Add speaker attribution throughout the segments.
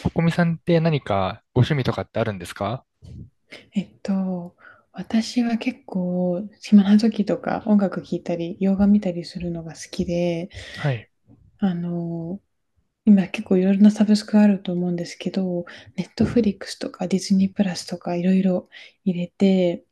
Speaker 1: ここみさんって何かご趣味とかってあるんですか？
Speaker 2: えっと、私は結構、暇な時とか音楽聴いたり、洋画見たりするのが好きで、
Speaker 1: はい。
Speaker 2: あの、今結構いろいろなサブスクあると思うんですけど、ネットフリックスとかディズニープラスとかいろいろ入れて、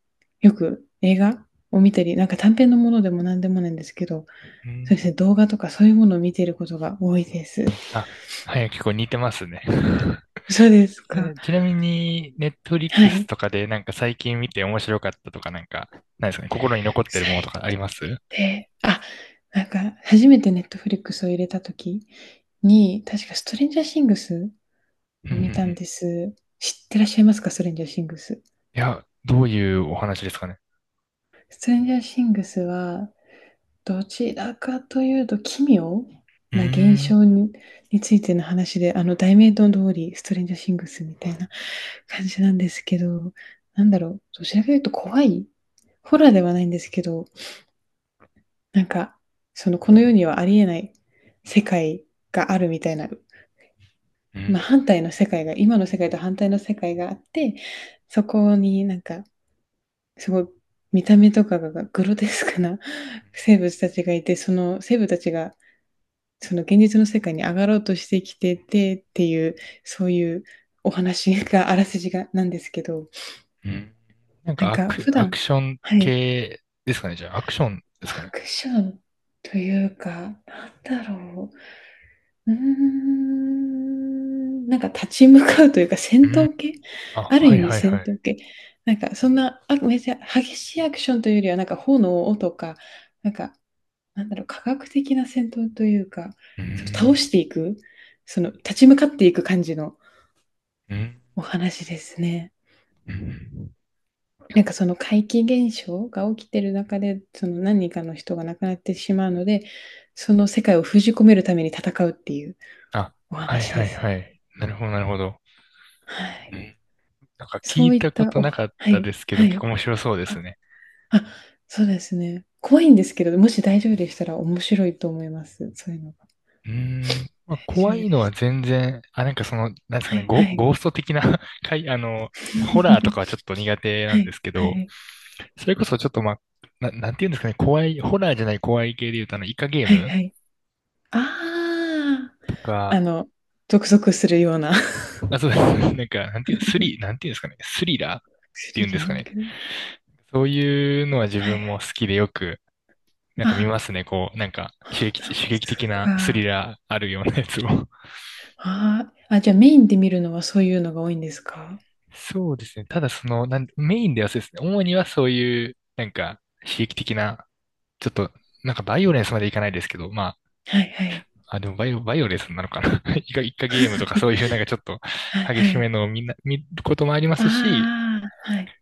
Speaker 2: よく映画を見たり、なんか短編のものでも何でもないんですけど、
Speaker 1: う
Speaker 2: そう
Speaker 1: ん。
Speaker 2: ですね、動画とかそういうものを見ていることが多いです。
Speaker 1: あ、はい、結構似てますね。
Speaker 2: そうですか。
Speaker 1: ちなみに、ネットフリッ
Speaker 2: は
Speaker 1: クス
Speaker 2: い。
Speaker 1: とかでなんか最近見て面白かったとかなんか、ないですかね。心に残ってるものと
Speaker 2: 最
Speaker 1: かあります？うん、
Speaker 2: 低。あ、なんか初めてネットフリックスを入れたときに、確かストレンジャーシングス
Speaker 1: うん、う
Speaker 2: を見たん
Speaker 1: ん。
Speaker 2: です。知ってらっしゃいますか、ストレンジャーシングス。
Speaker 1: いや、どういうお話ですかね。
Speaker 2: ストレンジャーシングスは、どちらかというと、奇妙
Speaker 1: うー
Speaker 2: な現
Speaker 1: ん。
Speaker 2: 象に、についての話で、題名の通り、ストレンジャーシングスみたいな感じなんですけど、なんだろう、どちらかというと怖いホラーではないんですけど、なんか、その、この世にはありえない世界があるみたいな、
Speaker 1: う
Speaker 2: まあ、
Speaker 1: ん。
Speaker 2: 反対の世界が、今の世界と反対の世界があって、そこになんか、すごい見た目とかがグロテスクな 生物たちがいて、その生物たちがその現実の世界に上がろうとしてきててっていう、そういうお話が、あらすじがなんですけど、
Speaker 1: うん。なん
Speaker 2: なん
Speaker 1: か
Speaker 2: か普
Speaker 1: アク
Speaker 2: 段、
Speaker 1: ション
Speaker 2: はい、
Speaker 1: 系ですかね。じゃあ、アクションですか
Speaker 2: ア
Speaker 1: ね。
Speaker 2: クションというか、なんだろう、うーん、なんか立ち向かうというか
Speaker 1: う
Speaker 2: 戦
Speaker 1: ん。
Speaker 2: 闘系、
Speaker 1: あ、
Speaker 2: ある
Speaker 1: は
Speaker 2: 意
Speaker 1: い
Speaker 2: 味
Speaker 1: はい
Speaker 2: 戦
Speaker 1: はい。
Speaker 2: 闘系、なんかそんなあめっちゃ激しいアクションというよりはなんか炎とかなんかなんだろう科学的な戦闘というか、
Speaker 1: うー
Speaker 2: その倒
Speaker 1: ん。
Speaker 2: していく、その立ち向かっていく感じの
Speaker 1: うん。
Speaker 2: お話ですね。
Speaker 1: うん。
Speaker 2: なんかその怪奇現象が起きてる中でその何人かの人が亡くなってしまうのでその世界を封じ込めるために戦うっていう
Speaker 1: あ、
Speaker 2: お
Speaker 1: はい
Speaker 2: 話
Speaker 1: は
Speaker 2: で
Speaker 1: い
Speaker 2: す。
Speaker 1: はい。なるほどなるほど。
Speaker 2: は
Speaker 1: う
Speaker 2: い、
Speaker 1: ん。なんか聞
Speaker 2: そ
Speaker 1: い
Speaker 2: ういっ
Speaker 1: たこ
Speaker 2: た
Speaker 1: と
Speaker 2: お
Speaker 1: な
Speaker 2: は、
Speaker 1: かっ
Speaker 2: は
Speaker 1: たで
Speaker 2: い、
Speaker 1: すけ
Speaker 2: は
Speaker 1: ど、結
Speaker 2: い。
Speaker 1: 構面白そうです
Speaker 2: あ、
Speaker 1: ね。
Speaker 2: あ、そうですね。怖いんですけど、もし大丈夫でしたら面白いと思います、そういうのが。
Speaker 1: うーん。
Speaker 2: 大
Speaker 1: まあ、
Speaker 2: 丈
Speaker 1: 怖
Speaker 2: 夫
Speaker 1: い
Speaker 2: で
Speaker 1: のは
Speaker 2: し
Speaker 1: 全然、あ、なんかその、なんで
Speaker 2: た。
Speaker 1: すか
Speaker 2: は
Speaker 1: ね、
Speaker 2: いはい。
Speaker 1: ゴースト的な かい、あの、ホラーとか はちょっと苦手な
Speaker 2: は
Speaker 1: んで
Speaker 2: い
Speaker 1: すけ
Speaker 2: は
Speaker 1: ど、
Speaker 2: い。
Speaker 1: それこそちょっとまあ、なんていうんですかね、怖い、ホラーじゃない怖い系で言うと、イカゲー
Speaker 2: はい
Speaker 1: ム
Speaker 2: はい。あ
Speaker 1: と
Speaker 2: あ、
Speaker 1: か、
Speaker 2: ゾクゾクするような
Speaker 1: あ、そうです。なんか、なんていうんですかね、スリラーっ
Speaker 2: ス
Speaker 1: ていう
Speaker 2: リ
Speaker 1: んで
Speaker 2: リ
Speaker 1: すか
Speaker 2: ン
Speaker 1: ね。
Speaker 2: グ。
Speaker 1: そういうのは自
Speaker 2: はい
Speaker 1: 分
Speaker 2: は
Speaker 1: も
Speaker 2: い。
Speaker 1: 好きでよくなんか見
Speaker 2: あ、
Speaker 1: ますね、こう、なんか
Speaker 2: ほうなん
Speaker 1: 刺
Speaker 2: です
Speaker 1: 激的なスリ
Speaker 2: か。
Speaker 1: ラーあるようなやつを。
Speaker 2: ああ、あ、じゃあメインで見るのはそういうのが多いんですか？
Speaker 1: そうですね。ただその、メインではそうですね。主にはそういう、なんか、刺激的な、ちょっと、なんかバイオレンスまでいかないですけど、ま
Speaker 2: はいはい。
Speaker 1: あ、あ、でもバイオレンスなのかな。イカゲームとかそういうなんかちょっと
Speaker 2: はい
Speaker 1: 激
Speaker 2: は
Speaker 1: しめ
Speaker 2: い。
Speaker 1: のをみんな、見ることもありま
Speaker 2: あ
Speaker 1: すし、
Speaker 2: あ、はい。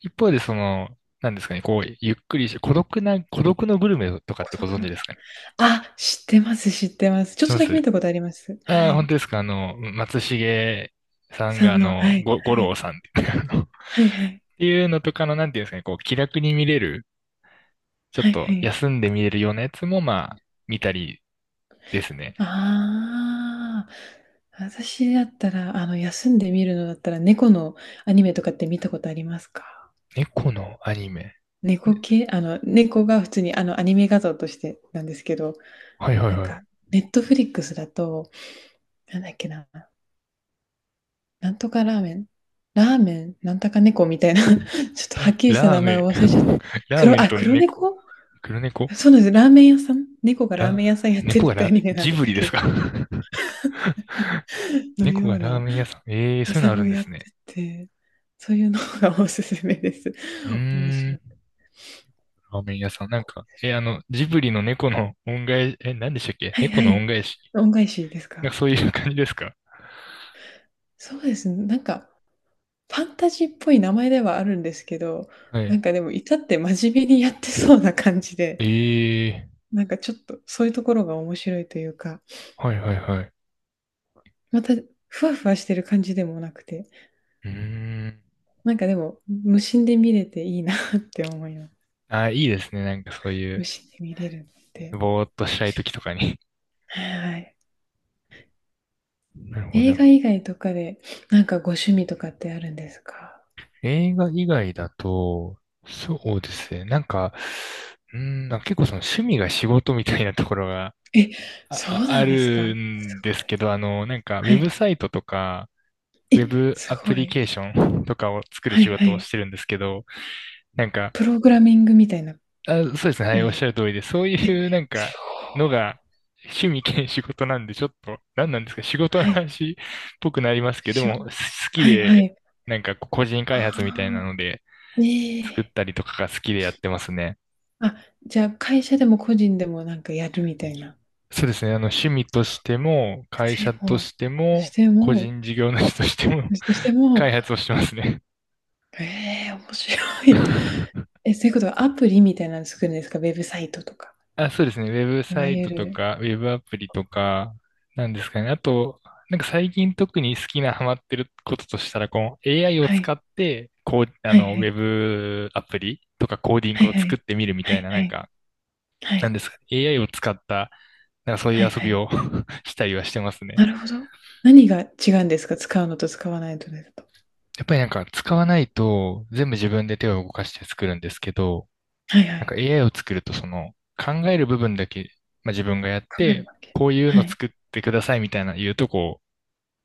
Speaker 1: 一方でその、なんですかね、こう、ゆっくりし、孤独のグルメとかっ
Speaker 2: 孤
Speaker 1: てご
Speaker 2: 独
Speaker 1: 存知
Speaker 2: な、
Speaker 1: ですかね。
Speaker 2: あ、知ってます、知ってます。
Speaker 1: 知
Speaker 2: ち
Speaker 1: っ
Speaker 2: ょっ
Speaker 1: て
Speaker 2: と
Speaker 1: ま
Speaker 2: だけ
Speaker 1: す。
Speaker 2: 見たことあります。
Speaker 1: あ
Speaker 2: は
Speaker 1: あ、本
Speaker 2: い。
Speaker 1: 当ですか。あの、松重さん
Speaker 2: さ
Speaker 1: が、あ
Speaker 2: んの、
Speaker 1: の、五郎さんっていうっ
Speaker 2: はいはい。
Speaker 1: ていうのとかの、なんていうんですかね、こう、気楽に見れる、ちょっ
Speaker 2: はいはい。
Speaker 1: と
Speaker 2: はいは
Speaker 1: 休
Speaker 2: い、
Speaker 1: んで見れるようなやつも、まあ、見たりですね。
Speaker 2: ああ、私だったら、休んで見るのだったら、猫のアニメとかって見たことありますか？
Speaker 1: 猫のアニメ。
Speaker 2: 猫
Speaker 1: ね、
Speaker 2: 系、猫が普通に、アニメ画像としてなんですけど、
Speaker 1: はいはい
Speaker 2: なん
Speaker 1: はい。
Speaker 2: か、ネットフリックスだと、なんだっけな、なんとかラーメンラーメンなんとか猫みたいな、ちょっとはっきりした
Speaker 1: ラー
Speaker 2: 名
Speaker 1: メ
Speaker 2: 前を
Speaker 1: ン。
Speaker 2: 忘れちゃった。
Speaker 1: ラーメ
Speaker 2: 黒、
Speaker 1: ン
Speaker 2: あ、
Speaker 1: と
Speaker 2: 黒
Speaker 1: 猫。
Speaker 2: 猫？
Speaker 1: 黒 猫。
Speaker 2: そうなんです。ラーメン屋さん猫がラー
Speaker 1: ラ、
Speaker 2: メン屋さんやってる
Speaker 1: 猫
Speaker 2: っ
Speaker 1: が
Speaker 2: てアニメなん
Speaker 1: ジ
Speaker 2: で
Speaker 1: ブ
Speaker 2: す
Speaker 1: リで
Speaker 2: け
Speaker 1: す
Speaker 2: ど、
Speaker 1: か？
Speaker 2: の
Speaker 1: 猫
Speaker 2: よ
Speaker 1: が
Speaker 2: う
Speaker 1: ラー
Speaker 2: な
Speaker 1: メン屋さん。ええー、そ
Speaker 2: 屋
Speaker 1: ういう
Speaker 2: さ
Speaker 1: のあ
Speaker 2: ん
Speaker 1: る
Speaker 2: を
Speaker 1: んで
Speaker 2: やっ
Speaker 1: す
Speaker 2: て
Speaker 1: ね。
Speaker 2: て、そういうのがおすすめです。
Speaker 1: う
Speaker 2: 面
Speaker 1: ー
Speaker 2: 白
Speaker 1: ん。
Speaker 2: い。
Speaker 1: ラーメン屋
Speaker 2: ほ
Speaker 1: さん。
Speaker 2: っ
Speaker 1: なん
Speaker 2: こ
Speaker 1: か、
Speaker 2: り、
Speaker 1: え、あの、ジブリの猫の恩返し、何でしたっけ
Speaker 2: はい
Speaker 1: 猫
Speaker 2: は
Speaker 1: の恩
Speaker 2: い。
Speaker 1: 返し。
Speaker 2: 恩返しです
Speaker 1: な
Speaker 2: か？
Speaker 1: んかそういう感じですか？
Speaker 2: そうですね、なんか、ファンタジーっぽい名前ではあるんですけど、
Speaker 1: は
Speaker 2: なん
Speaker 1: い。
Speaker 2: かでも至って真面目にやってそうな感じで、
Speaker 1: ええ、
Speaker 2: なんかちょっとそういうところが面白いというか、
Speaker 1: はいはいはい。
Speaker 2: またふわふわしてる感じでもなくて、
Speaker 1: うーん。
Speaker 2: なんかでも、無心で見れていいなって思います。
Speaker 1: あ、いいですね。なんかそういう、
Speaker 2: 無視で見れるので。
Speaker 1: ぼーっとしたい時とかに。
Speaker 2: はいはい。
Speaker 1: なるほど
Speaker 2: 映
Speaker 1: ね。
Speaker 2: 画以外とかで、なんかご趣味とかってあるんですか？
Speaker 1: 映画以外だと、そうですね。なんか、うーん、なんか結構その趣味が仕事みたいなところが
Speaker 2: え、そうな
Speaker 1: あ
Speaker 2: んですか。
Speaker 1: る
Speaker 2: す
Speaker 1: んですけど、あの、なんかウ
Speaker 2: ごい。
Speaker 1: ェ
Speaker 2: は
Speaker 1: ブ
Speaker 2: い。
Speaker 1: サイトとか、
Speaker 2: え、
Speaker 1: ウェブ
Speaker 2: す
Speaker 1: ア
Speaker 2: ご
Speaker 1: プリ
Speaker 2: い。
Speaker 1: ケーションとかを作る
Speaker 2: は
Speaker 1: 仕
Speaker 2: いは
Speaker 1: 事を
Speaker 2: い。
Speaker 1: してるんですけど、なんか
Speaker 2: プログラミングみたいな
Speaker 1: あ、そうですね。は
Speaker 2: 意
Speaker 1: い、おっ
Speaker 2: 味。
Speaker 1: しゃる通りで、そう
Speaker 2: え、
Speaker 1: いうなんか
Speaker 2: す
Speaker 1: のが趣味兼仕事なんで、ちょっと、何なんですか、仕事の
Speaker 2: ごい。はい。
Speaker 1: 話っぽくなりますけど、で
Speaker 2: しょ、
Speaker 1: も、好き
Speaker 2: はいは
Speaker 1: で、
Speaker 2: い。
Speaker 1: なんかこう個人開
Speaker 2: あ
Speaker 1: 発みたいなので、
Speaker 2: あ、え
Speaker 1: 作っ
Speaker 2: え。
Speaker 1: たりとかが好きでやってますね。
Speaker 2: あ、じゃあ会社でも個人でもなんかやるみたいな。
Speaker 1: そうですね。あの、趣味としても、会
Speaker 2: で
Speaker 1: 社と
Speaker 2: も、
Speaker 1: して
Speaker 2: そし
Speaker 1: も、
Speaker 2: て
Speaker 1: 個
Speaker 2: も
Speaker 1: 人事業主としても、
Speaker 2: そ しても、
Speaker 1: 開発をしてますね。
Speaker 2: ええ、面白い。え、そういうことはアプリみたいなの作るんですか？ウェブサイトとか。
Speaker 1: あ、そうですね。ウェブ
Speaker 2: い
Speaker 1: サ
Speaker 2: わ
Speaker 1: イ
Speaker 2: ゆ
Speaker 1: トと
Speaker 2: る、
Speaker 1: か、ウェブアプリとか、なんですかね。あと、なんか最近特に好きなハマってることとしたら、この AI を
Speaker 2: は
Speaker 1: 使
Speaker 2: い。
Speaker 1: って、こう、あ
Speaker 2: はいは
Speaker 1: の、ウェ
Speaker 2: い。
Speaker 1: ブアプリとかコーディン
Speaker 2: は
Speaker 1: グ
Speaker 2: い
Speaker 1: を
Speaker 2: は
Speaker 1: 作っ
Speaker 2: い。
Speaker 1: てみるみ
Speaker 2: は
Speaker 1: たい
Speaker 2: い
Speaker 1: な、な
Speaker 2: は
Speaker 1: ん
Speaker 2: い。
Speaker 1: か、
Speaker 2: は
Speaker 1: なん
Speaker 2: い。
Speaker 1: ですかね。AI を使った、なんかそうい
Speaker 2: はい
Speaker 1: う遊
Speaker 2: は
Speaker 1: び
Speaker 2: い。
Speaker 1: を したりはしてますね。
Speaker 2: なるほど。何が違うんですか？使うのと使わないのとだと。
Speaker 1: やっぱりなんか使わないと、全部自分で手を動かして作るんですけど、
Speaker 2: はいは
Speaker 1: なんか
Speaker 2: い。
Speaker 1: AI を作ると、その、考える部分だけ、まあ、自分がやっ
Speaker 2: 考える
Speaker 1: て、
Speaker 2: わけ。
Speaker 1: こういう
Speaker 2: は
Speaker 1: の
Speaker 2: い。
Speaker 1: 作ってくださいみたいな言うと、こ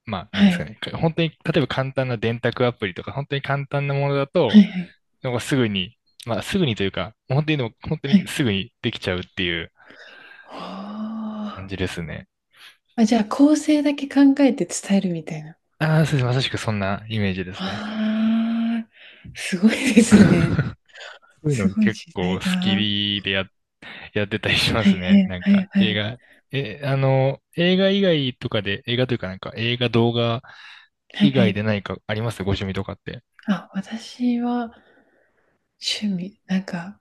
Speaker 1: う、まあ、なん
Speaker 2: は
Speaker 1: ですか
Speaker 2: い。
Speaker 1: ね。本当に、例えば簡単な電卓アプリとか、本当に簡単なものだ
Speaker 2: は
Speaker 1: と、
Speaker 2: いはい。
Speaker 1: なんかすぐに、まあ、すぐにというか、本当にでも、本当
Speaker 2: は
Speaker 1: に
Speaker 2: い。
Speaker 1: すぐにできちゃうっていう
Speaker 2: は
Speaker 1: 感じ
Speaker 2: あ。
Speaker 1: ですね。
Speaker 2: あ、じゃあ、構成だけ考えて伝えるみたいな。
Speaker 1: ああ、そうです。まさしくそんなイメージですね。
Speaker 2: ああ、すごいですね。
Speaker 1: そういう
Speaker 2: す
Speaker 1: の
Speaker 2: ごい
Speaker 1: 結
Speaker 2: 時
Speaker 1: 構好
Speaker 2: 代だ。
Speaker 1: きでやってたりしま
Speaker 2: はい
Speaker 1: す
Speaker 2: は
Speaker 1: ね。
Speaker 2: い
Speaker 1: なん
Speaker 2: はい
Speaker 1: か、
Speaker 2: は
Speaker 1: 映
Speaker 2: い。
Speaker 1: 画、え、あの、映画以外とかで、映画というかなんか、映画、動画
Speaker 2: はい
Speaker 1: 以
Speaker 2: は
Speaker 1: 外
Speaker 2: い。
Speaker 1: で何かありますご趣味とかって。
Speaker 2: あ、私は趣味、なんか、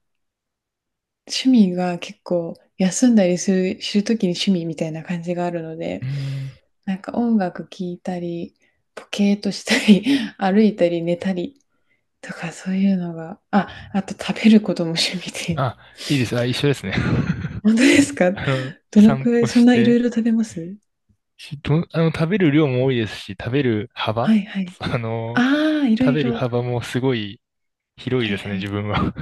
Speaker 2: 趣味が結構休んだりするときに趣味みたいな感じがあるの
Speaker 1: う
Speaker 2: で、
Speaker 1: ーん。
Speaker 2: なんか音楽聴いたり、ポケーとしたり、歩いたり寝たりとかそういうのが、あ、あと食べることも趣味で。
Speaker 1: あ、いいです。あ、一緒ですね。
Speaker 2: 本当ですか、
Speaker 1: あの、
Speaker 2: どの
Speaker 1: 散
Speaker 2: くら
Speaker 1: 歩
Speaker 2: い、そん
Speaker 1: し
Speaker 2: ないろい
Speaker 1: て、
Speaker 2: ろ食べます、
Speaker 1: し、ど、あの、食べる量も多いですし、食べる
Speaker 2: は
Speaker 1: 幅。
Speaker 2: いはい。
Speaker 1: あの、
Speaker 2: ああ、いろ
Speaker 1: 食
Speaker 2: い
Speaker 1: べる
Speaker 2: ろ。
Speaker 1: 幅もすごい広い
Speaker 2: は
Speaker 1: で
Speaker 2: い
Speaker 1: すね、
Speaker 2: は
Speaker 1: 自
Speaker 2: い。
Speaker 1: 分は。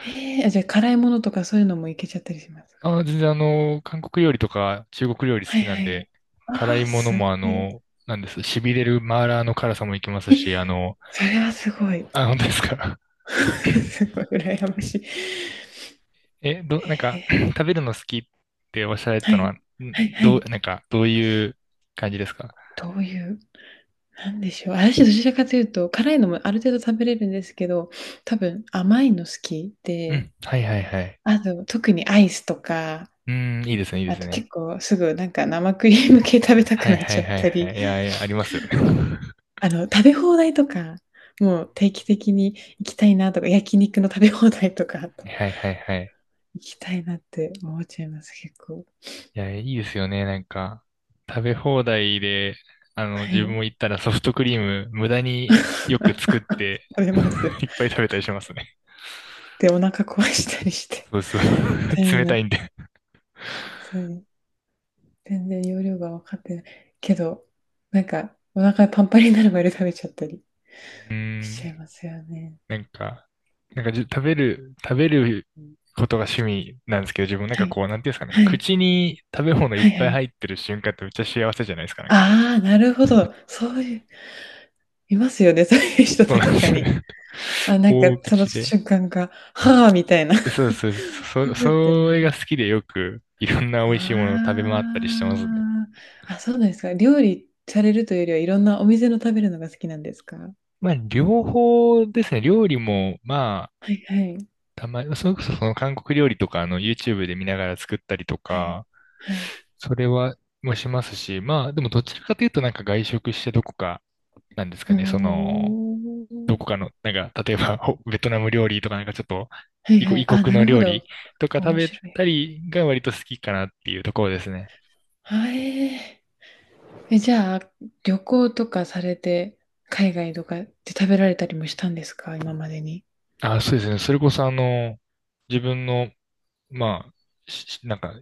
Speaker 2: ええあ、じゃあ辛いものとかそういうのもいけちゃったりします か、
Speaker 1: あ、全然韓国料理とか中国料理好
Speaker 2: はい
Speaker 1: きな
Speaker 2: は
Speaker 1: んで、
Speaker 2: い。
Speaker 1: 辛
Speaker 2: あ
Speaker 1: い
Speaker 2: あ、
Speaker 1: もの
Speaker 2: す
Speaker 1: もあ
Speaker 2: ごい。
Speaker 1: の、なんです、痺れるマーラーの辛さもいけます
Speaker 2: え、
Speaker 1: し、
Speaker 2: それはすごい。
Speaker 1: あ、本当ですか。
Speaker 2: すごい羨ましい。
Speaker 1: なん
Speaker 2: へ
Speaker 1: か、
Speaker 2: え、
Speaker 1: 食べるの好きっておっしゃられ
Speaker 2: は
Speaker 1: たのは、
Speaker 2: い。
Speaker 1: ん
Speaker 2: はいは
Speaker 1: どう、
Speaker 2: い。
Speaker 1: なんか、どういう感じですか？
Speaker 2: どういう、なんでしょう。私どちらかというと、辛いのもある程度食べれるんですけど、多分甘いの好き
Speaker 1: う
Speaker 2: で、
Speaker 1: ん。はいはいはい。
Speaker 2: あと特にアイスとか、
Speaker 1: うん、いいですね、いいで
Speaker 2: あ
Speaker 1: す
Speaker 2: と
Speaker 1: ね。
Speaker 2: 結構すぐなんか生クリーム系食べたく
Speaker 1: はい
Speaker 2: なっ
Speaker 1: は
Speaker 2: ち
Speaker 1: い
Speaker 2: ゃっ
Speaker 1: はい
Speaker 2: たり、
Speaker 1: はい。いやいや、ありますよね。
Speaker 2: 食べ放題とか、もう定期的に行きたいなとか、焼肉の食べ放題とか、あと
Speaker 1: はいはいはいはい。
Speaker 2: 行きたいなって思っちゃいます、結構。
Speaker 1: いや、いいですよね。なんか、食べ放題で、
Speaker 2: は
Speaker 1: 自分
Speaker 2: い。
Speaker 1: も行ったらソフトクリーム無駄 に
Speaker 2: 食
Speaker 1: よく作って、
Speaker 2: べます。
Speaker 1: いっぱい食べたりしますね。
Speaker 2: で、お腹壊したりして、
Speaker 1: そうそう。
Speaker 2: みた い
Speaker 1: 冷
Speaker 2: な。
Speaker 1: たいんで。
Speaker 2: 本当に。全然容量が分かってない。けど、なんか、お腹パンパンになるまで食べちゃったり
Speaker 1: うー
Speaker 2: しちゃい
Speaker 1: ん、
Speaker 2: ますよね。
Speaker 1: なんか、なんかじ、食べることが趣味なんですけど、自分なん
Speaker 2: は
Speaker 1: か
Speaker 2: い。
Speaker 1: こう、なんていうんですかね、
Speaker 2: はい。
Speaker 1: 口に食べ物いっ
Speaker 2: はいは
Speaker 1: ぱい
Speaker 2: い。
Speaker 1: 入ってる瞬間ってめっちゃ幸せじゃないですか、なんか。
Speaker 2: ああ、なるほど。そういう、いますよね、そういう人
Speaker 1: そうなん
Speaker 2: 確
Speaker 1: です
Speaker 2: か
Speaker 1: よ
Speaker 2: に。
Speaker 1: ね。
Speaker 2: あ、なんか、
Speaker 1: 大
Speaker 2: その
Speaker 1: 口で。
Speaker 2: 瞬間が、はあ、みたいな。
Speaker 1: そうそう、
Speaker 2: ふふって
Speaker 1: そ
Speaker 2: な
Speaker 1: れが
Speaker 2: る。
Speaker 1: 好きでよくいろんな美味しいものを食
Speaker 2: あ
Speaker 1: べ回ったりしてますね。
Speaker 2: あ。あ、そうなんですか。料理されるというよりは、いろんなお店の食べるのが好きなんですか？は
Speaker 1: まあ、両方ですね。料理も、まあ、
Speaker 2: いはい。
Speaker 1: たまに、それこそその韓国料理とか、YouTube で見ながら作ったりと
Speaker 2: はい。
Speaker 1: か、
Speaker 2: はい。
Speaker 1: それは、もしますし、まあ、でもどちらかというとなんか外食してどこか、なんです
Speaker 2: う
Speaker 1: か
Speaker 2: ー
Speaker 1: ね、その、ど
Speaker 2: ん。
Speaker 1: こかの、なんか、例えば、ベトナム料理とかなんかちょっと、
Speaker 2: はい
Speaker 1: 異
Speaker 2: は
Speaker 1: 国
Speaker 2: い、お
Speaker 1: 異
Speaker 2: ー、はいはい、あ、
Speaker 1: 国
Speaker 2: な
Speaker 1: の
Speaker 2: るほ
Speaker 1: 料理
Speaker 2: ど。
Speaker 1: とか食
Speaker 2: 面
Speaker 1: べ
Speaker 2: 白い。
Speaker 1: たりが割と好きかなっていうところですね。
Speaker 2: はい、え、じゃあ、旅行とかされて、海外とかで食べられたりもしたんですか、今までに。
Speaker 1: あ、そうですね。それこそ自分の、まあ、なんか、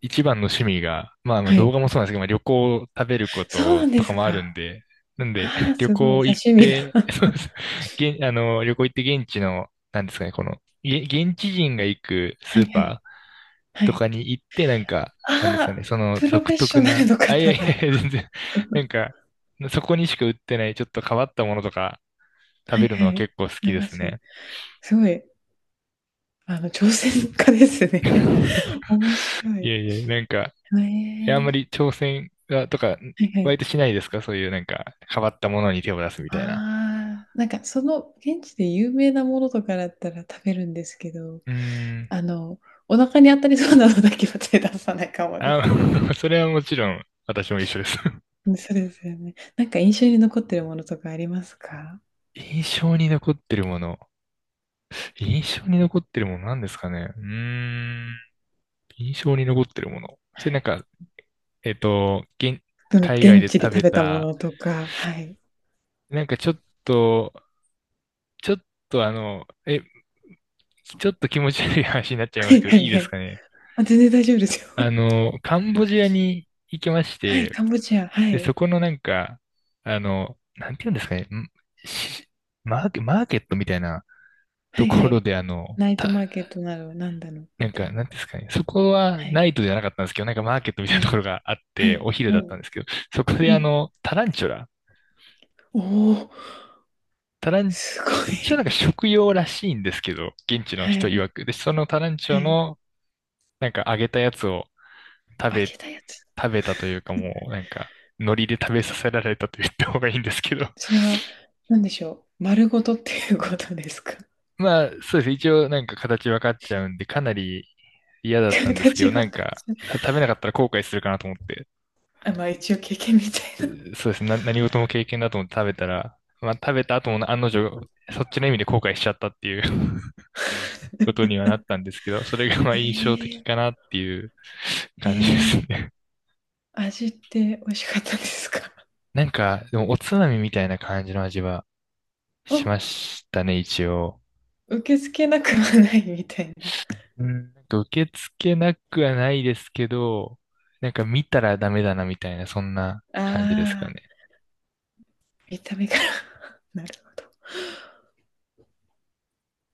Speaker 1: 一番の趣味が、まあ、
Speaker 2: は
Speaker 1: 動
Speaker 2: い。
Speaker 1: 画もそうなんですけど、まあ、旅行、食べるこ
Speaker 2: そうな
Speaker 1: と
Speaker 2: ん
Speaker 1: と
Speaker 2: で
Speaker 1: か
Speaker 2: す
Speaker 1: もあるん
Speaker 2: か。
Speaker 1: で、なんで、
Speaker 2: ああ、
Speaker 1: 旅
Speaker 2: すごい。
Speaker 1: 行行っ
Speaker 2: 刺身だ。
Speaker 1: て、そうで す。現、あの、旅行行って現地の、なんですかね、この、現地人が行く
Speaker 2: は
Speaker 1: ス
Speaker 2: い
Speaker 1: ー
Speaker 2: はい。
Speaker 1: パー
Speaker 2: は
Speaker 1: と
Speaker 2: い。
Speaker 1: かに行って、なんか、
Speaker 2: あ
Speaker 1: なんですかね、
Speaker 2: あ、
Speaker 1: その
Speaker 2: プロ
Speaker 1: 独
Speaker 2: フェッシ
Speaker 1: 特
Speaker 2: ョナル
Speaker 1: な、
Speaker 2: の
Speaker 1: あ、いや
Speaker 2: 方
Speaker 1: いやいや、
Speaker 2: だ。
Speaker 1: 全然、なん か、そこにしか売ってない、ちょっと変わったものとか食
Speaker 2: はい
Speaker 1: べる
Speaker 2: は
Speaker 1: のは
Speaker 2: い。
Speaker 1: 結構好き
Speaker 2: なり
Speaker 1: で
Speaker 2: ま
Speaker 1: す
Speaker 2: す。
Speaker 1: ね。
Speaker 2: すごい、挑戦家ですね。面白
Speaker 1: い
Speaker 2: い。
Speaker 1: やいや、なんか、
Speaker 2: え
Speaker 1: あんまり
Speaker 2: え、
Speaker 1: 挑戦が、とか、
Speaker 2: はいはい。
Speaker 1: 割としないですかそういうなんか、変わったものに手を出すみたいな。
Speaker 2: ああ、なんかその現地で有名なものとかだったら食べるんですけど、
Speaker 1: うー
Speaker 2: あ
Speaker 1: ん。
Speaker 2: の、お腹に当たりそうなのだけは手出さないかもで
Speaker 1: あ、
Speaker 2: す。
Speaker 1: それはもちろん、私も一緒です。
Speaker 2: うん、そうですよね。なんか印象に残ってるものとかありますか？
Speaker 1: 印象に残ってるもの。印象に残ってるものなんですかね、うーん。印象に残ってるもの。それなんか、えっと、現、
Speaker 2: その
Speaker 1: 海外
Speaker 2: 現
Speaker 1: で
Speaker 2: 地で
Speaker 1: 食
Speaker 2: 食
Speaker 1: べ
Speaker 2: べたも
Speaker 1: た、
Speaker 2: のとか、はい。
Speaker 1: なんかちょっと、ちょっとあの、え、ちょっと気持ち悪い話になっちゃいま
Speaker 2: は
Speaker 1: す
Speaker 2: い
Speaker 1: けど、
Speaker 2: は
Speaker 1: い
Speaker 2: い
Speaker 1: いで
Speaker 2: は
Speaker 1: す
Speaker 2: い。
Speaker 1: かね。
Speaker 2: あ、全然大丈夫ですよ。
Speaker 1: あの、カンボジアに行きまし
Speaker 2: はい、
Speaker 1: て、
Speaker 2: カンボジア、は
Speaker 1: で、そ
Speaker 2: い。
Speaker 1: このなんか、なんていうんですかね、んしマーケ、マーケットみたいな
Speaker 2: は
Speaker 1: と
Speaker 2: いは
Speaker 1: ころ
Speaker 2: い。
Speaker 1: で、
Speaker 2: ナイトマーケットなどなんだろう
Speaker 1: な
Speaker 2: み
Speaker 1: ん
Speaker 2: た
Speaker 1: か、
Speaker 2: いな。
Speaker 1: なんていうんですかね、そこは
Speaker 2: はい、
Speaker 1: ナイトじゃなかったんですけど、なんかマーケットみた
Speaker 2: は
Speaker 1: いなと
Speaker 2: い、
Speaker 1: ころがあっ
Speaker 2: は
Speaker 1: て、お
Speaker 2: い、
Speaker 1: 昼
Speaker 2: は
Speaker 1: だった
Speaker 2: い、
Speaker 1: んですけど、そこで
Speaker 2: はい。
Speaker 1: タランチュラ、
Speaker 2: おお、
Speaker 1: タラン、
Speaker 2: すご
Speaker 1: 一応なんか
Speaker 2: い。
Speaker 1: 食用らしいんですけど、現 地の
Speaker 2: は
Speaker 1: 人
Speaker 2: い、
Speaker 1: 曰く。で、そのタランチュ
Speaker 2: は
Speaker 1: ラ
Speaker 2: い。
Speaker 1: の、なんか揚げたやつを食
Speaker 2: 揚
Speaker 1: べ、
Speaker 2: げたやつ。
Speaker 1: 食べたというかもう、なんか、海苔で食べさせられたと言った方がいいんですけど、
Speaker 2: それは、何でしょう。丸ごとっていうことですか？
Speaker 1: まあ、そうですね。一応なんか形分かっちゃうんで、かなり嫌 だったんですけ
Speaker 2: 形
Speaker 1: ど、
Speaker 2: は
Speaker 1: なん
Speaker 2: 感
Speaker 1: か、
Speaker 2: じない、
Speaker 1: 食べなかったら後悔するかなと思って、
Speaker 2: あ、まあ一応経験みたいな。
Speaker 1: そうですね。何事も経験だと思って食べたら、まあ、食べた後も案の定、そっちの意味で後悔しちゃったっていう こと にはなったんですけど、それが まあ印象的
Speaker 2: ええ、
Speaker 1: かなっていう感じです
Speaker 2: ええ、
Speaker 1: ね。
Speaker 2: 味って美味しかったですか？
Speaker 1: なんか、でもおつまみみたいな感じの味は し
Speaker 2: あ、
Speaker 1: ましたね、一応。
Speaker 2: 受け付けなくはないみたいな。
Speaker 1: うん、なんか受け付けなくはないですけど、なんか見たらダメだなみたいな、そんな感じですか
Speaker 2: ああ、
Speaker 1: ね。
Speaker 2: 見た目から。なるほど。